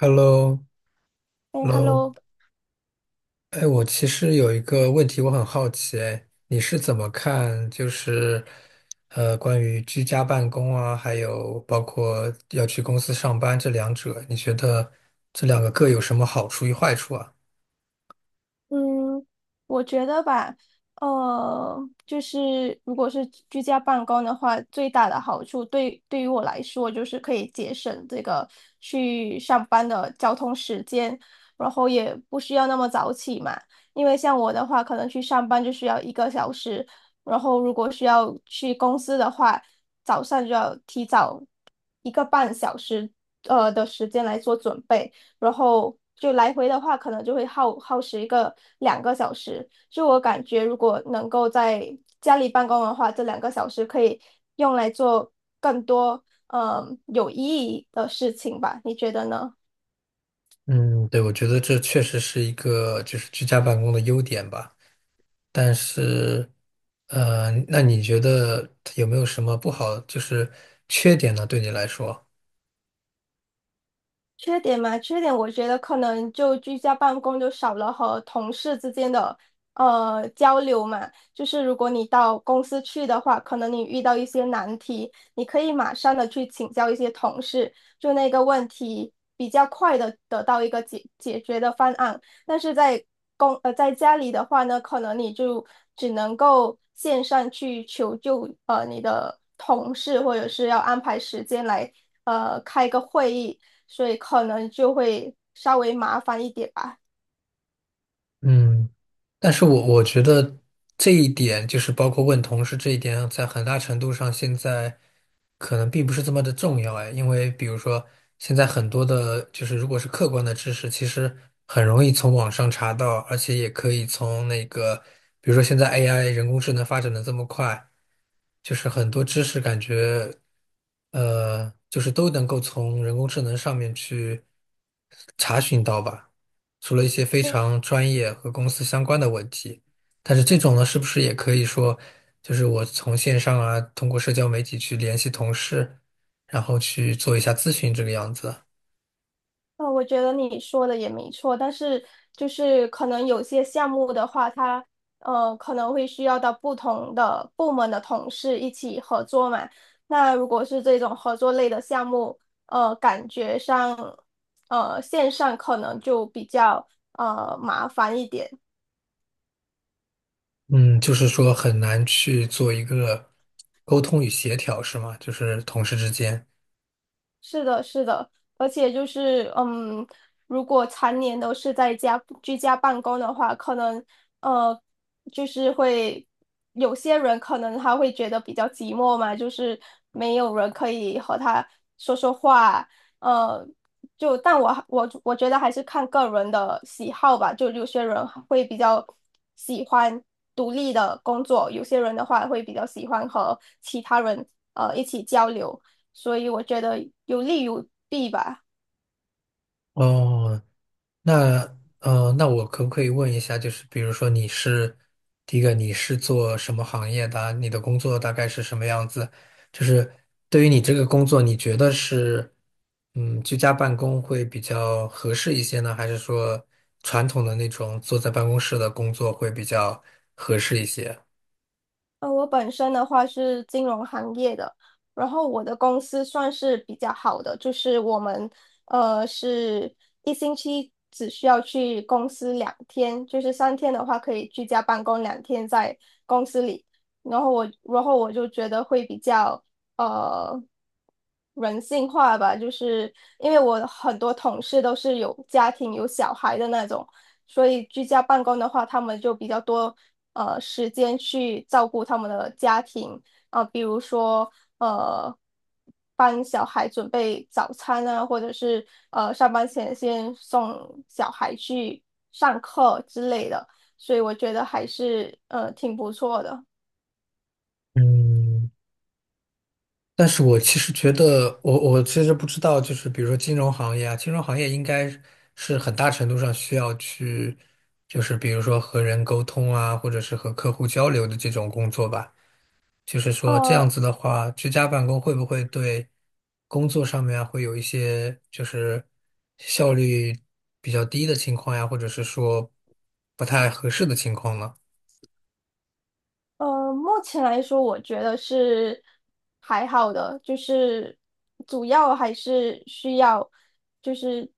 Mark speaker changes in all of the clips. Speaker 1: Hello，Hello，
Speaker 2: 哎，Hello。
Speaker 1: 哎，我其实有一个问题，我很好奇，哎，你是怎么看，关于居家办公啊，还有包括要去公司上班这两者，你觉得这两个各有什么好处与坏处啊？
Speaker 2: 嗯，我觉得吧，呃，就是如果是居家办公的话，最大的好处对于我来说，就是可以节省这个去上班的交通时间，然后也不需要那么早起嘛。因为像我的话，可能去上班就需要一个小时，然后如果需要去公司的话，早上就要提早一个半小时的时间来做准备。然后就来回的话，可能就会耗时一个两个小时。就我感觉，如果能够在家里办公的话，这两个小时可以用来做更多有意义的事情吧？你觉得呢？
Speaker 1: 嗯，对，我觉得这确实是一个就是居家办公的优点吧，但是那你觉得有没有什么不好，就是缺点呢？对你来说？
Speaker 2: 缺点嘛，缺点我觉得可能就居家办公就少了和同事之间的交流嘛。就是如果你到公司去的话，可能你遇到一些难题，你可以马上的去请教一些同事，就那个问题比较快的得到一个解决的方案，但是在在家里的话呢，可能你就只能够线上去求救，呃，你的同事或者是要安排时间来开个会议，所以可能就会稍微麻烦一点吧。
Speaker 1: 嗯。但是我觉得这一点，就是包括问同事这一点，在很大程度上现在可能并不是这么的重要哎，因为比如说现在很多的，就是如果是客观的知识，其实很容易从网上查到，而且也可以从那个，比如说现在 AI 人工智能发展的这么快，就是很多知识感觉，就是都能够从人工智能上面去查询到吧。除了一些非常专业和公司相关的问题，但是这种呢，是不是也可以说，就是我从线上啊，通过社交媒体去联系同事，然后去做一下咨询这个样子？
Speaker 2: 我觉得你说的也没错，但是就是可能有些项目的话，它可能会需要到不同的部门的同事一起合作嘛。那如果是这种合作类的项目，呃，感觉上线上可能就比较麻烦一点。
Speaker 1: 嗯，就是说很难去做一个沟通与协调，是吗？就是同事之间。
Speaker 2: 是的，是的，而且就是，嗯，如果常年都是在家居家办公的话，可能呃，就是会有些人可能他会觉得比较寂寞嘛，就是没有人可以和他说说话，呃，就但我觉得还是看个人的喜好吧，就有些人会比较喜欢独立的工作，有些人的话会比较喜欢和其他人一起交流。所以我觉得有利有弊吧。
Speaker 1: 哦，那那我可不可以问一下，就是比如说你是第一个，你是做什么行业的啊你的工作大概是什么样子？就是对于你这个工作，你觉得是嗯居家办公会比较合适一些呢，还是说传统的那种坐在办公室的工作会比较合适一些？
Speaker 2: 我本身的话是金融行业的，然后我的公司算是比较好的，就是我们是一星期只需要去公司两天，就是三天的话可以居家办公，两天在公司里。然后我就觉得会比较呃人性化吧，就是因为我很多同事都是有家庭、有小孩的那种，所以居家办公的话，他们就比较多时间去照顾他们的家庭啊、比如说呃帮小孩准备早餐啊，或者是呃上班前先送小孩去上课之类的，所以我觉得还是挺不错的。
Speaker 1: 嗯。但是我其实觉得，我其实不知道，就是比如说金融行业啊，金融行业应该是很大程度上需要去，就是比如说和人沟通啊，或者是和客户交流的这种工作吧。就是说这样
Speaker 2: 呃，
Speaker 1: 子的话，居家办公会不会对工作上面啊会有一些就是效率比较低的情况呀，或者是说不太合适的情况呢？
Speaker 2: 目前来说，我觉得是还好的，就是主要还是需要就是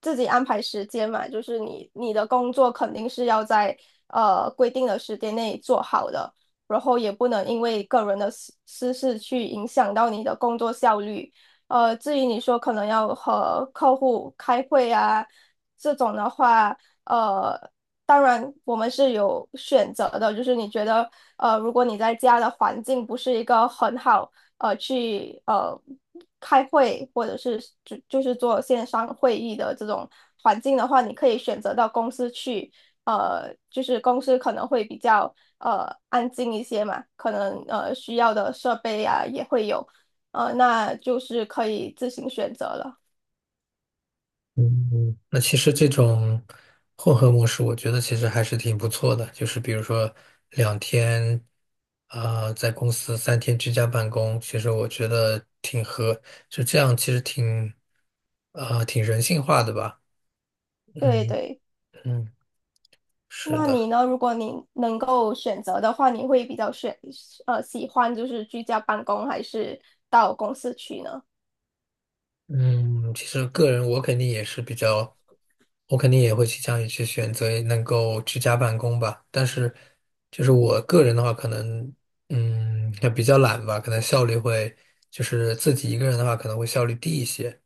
Speaker 2: 自己安排时间嘛，就是你的工作肯定是要在规定的时间内做好的，然后也不能因为个人的私事去影响到你的工作效率。呃，至于你说可能要和客户开会啊这种的话。呃。当然，我们是有选择的，就是你觉得，呃，如果你在家的环境不是一个很好，呃，去开会或者是就是做线上会议的这种环境的话，你可以选择到公司去，呃，就是公司可能会比较安静一些嘛，可能需要的设备啊也会有，呃，那就是可以自行选择了。
Speaker 1: 嗯，那其实这种混合模式，我觉得其实还是挺不错的。就是比如说两天，啊、在公司三天居家办公，其实我觉得挺合，就这样，其实挺，啊、挺人性化的吧。
Speaker 2: 对
Speaker 1: 嗯
Speaker 2: 对。
Speaker 1: 嗯，是
Speaker 2: 那你
Speaker 1: 的。
Speaker 2: 呢？如果你能够选择的话，你会比较选喜欢就是居家办公还是到公司去呢？
Speaker 1: 嗯，其实个人我肯定也是比较，我肯定也会倾向于去选择能够居家办公吧。但是，就是我个人的话，可能嗯也比较懒吧，可能效率会就是自己一个人的话，可能会效率低一些。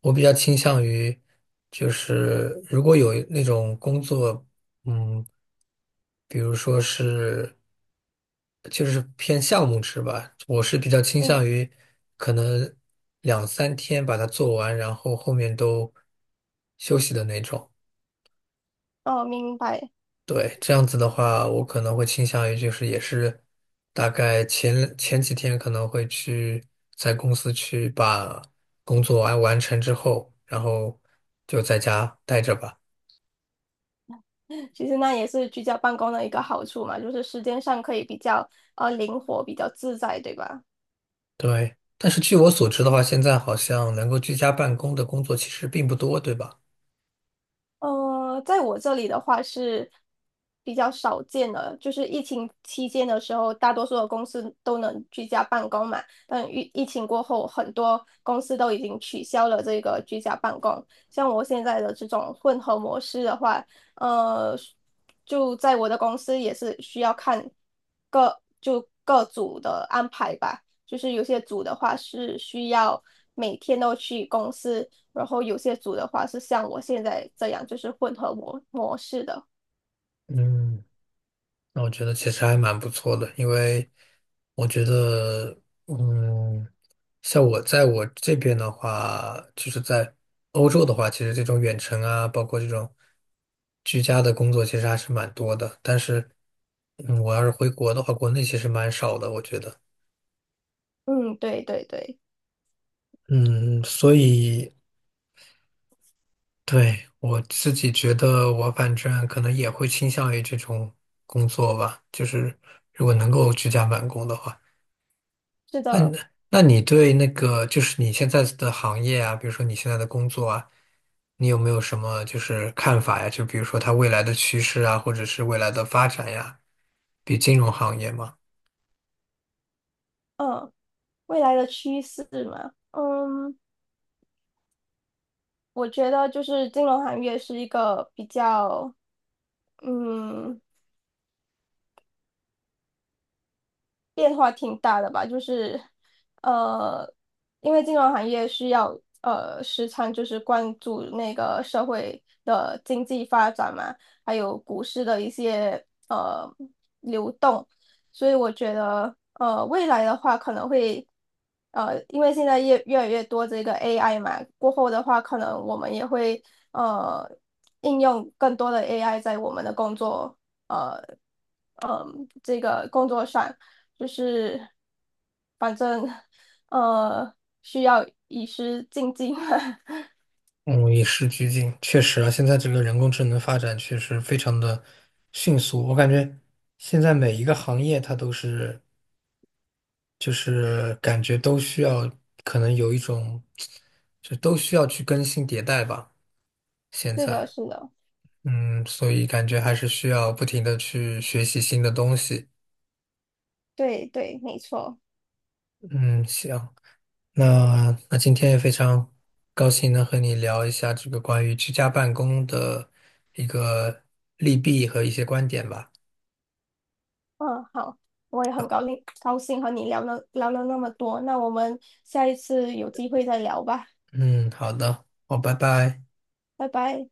Speaker 1: 我比较倾向于，就是如果有那种工作，嗯，比如说是，就是偏项目制吧，我是比较倾
Speaker 2: 嗯。
Speaker 1: 向于可能两三天把它做完，然后后面都休息的那种。
Speaker 2: 哦，明白。
Speaker 1: 对，这样子的话，我可能会倾向于就是也是大概前几天可能会去在公司去把工作完成之后，然后就在家待着吧。
Speaker 2: 其实那也是居家办公的一个好处嘛，就是时间上可以比较灵活，比较自在，对吧？
Speaker 1: 对，但是据我所知的话，现在好像能够居家办公的工作其实并不多，对吧？
Speaker 2: 在我这里的话是比较少见的，就是疫情期间的时候，大多数的公司都能居家办公嘛。但疫情过后，很多公司都已经取消了这个居家办公。像我现在的这种混合模式的话，呃，就在我的公司也是需要看各就各组的安排吧。就是有些组的话是需要每天都去公司。然后有些组的话是像我现在这样，就是混合模式的。
Speaker 1: 嗯。那我觉得其实还蛮不错的，因为我觉得，嗯，像我在我这边的话，就是在欧洲的话，其实这种远程啊，包括这种居家的工作，其实还是蛮多的。但是，嗯，我要是回国的话，国内其实蛮少的，我觉得。
Speaker 2: 嗯，对对对，
Speaker 1: 嗯，所以对我自己觉得，我反正可能也会倾向于这种工作吧，就是如果能够居家办公的话。
Speaker 2: 是的。
Speaker 1: 那你对那个就是你现在的行业啊，比如说你现在的工作啊，你有没有什么就是看法呀？就比如说它未来的趋势啊，或者是未来的发展呀，比金融行业嘛，
Speaker 2: 嗯，未来的趋势嘛，嗯，我觉得就是金融行业是一个比较，嗯，变化挺大的吧，就是呃，因为金融行业需要时常就是关注那个社会的经济发展嘛，还有股市的一些流动，所以我觉得未来的话可能会因为现在越来越多这个 AI 嘛，过后的话可能我们也会呃应用更多的 AI 在我们的工作呃。嗯，这个工作上，就是反正呃需要以时进。
Speaker 1: 嗯，与时俱进，确实啊，现在这个人工智能发展确实非常的迅速，我感觉现在每一个行业它都是就是感觉都需要可能有一种就都需要去更新迭代吧，现
Speaker 2: 是的，
Speaker 1: 在。
Speaker 2: 是的，
Speaker 1: 嗯，所以感觉还是需要不停的去学习新的东西。
Speaker 2: 对对，没错。
Speaker 1: 嗯，行，那今天也非常高兴能和你聊一下这个关于居家办公的一个利弊和一些观点吧。
Speaker 2: 嗯，好，我也很高兴和你聊了那么多，那我们下一次有机会再聊吧，
Speaker 1: 嗯，好的，好，拜拜。
Speaker 2: 拜拜。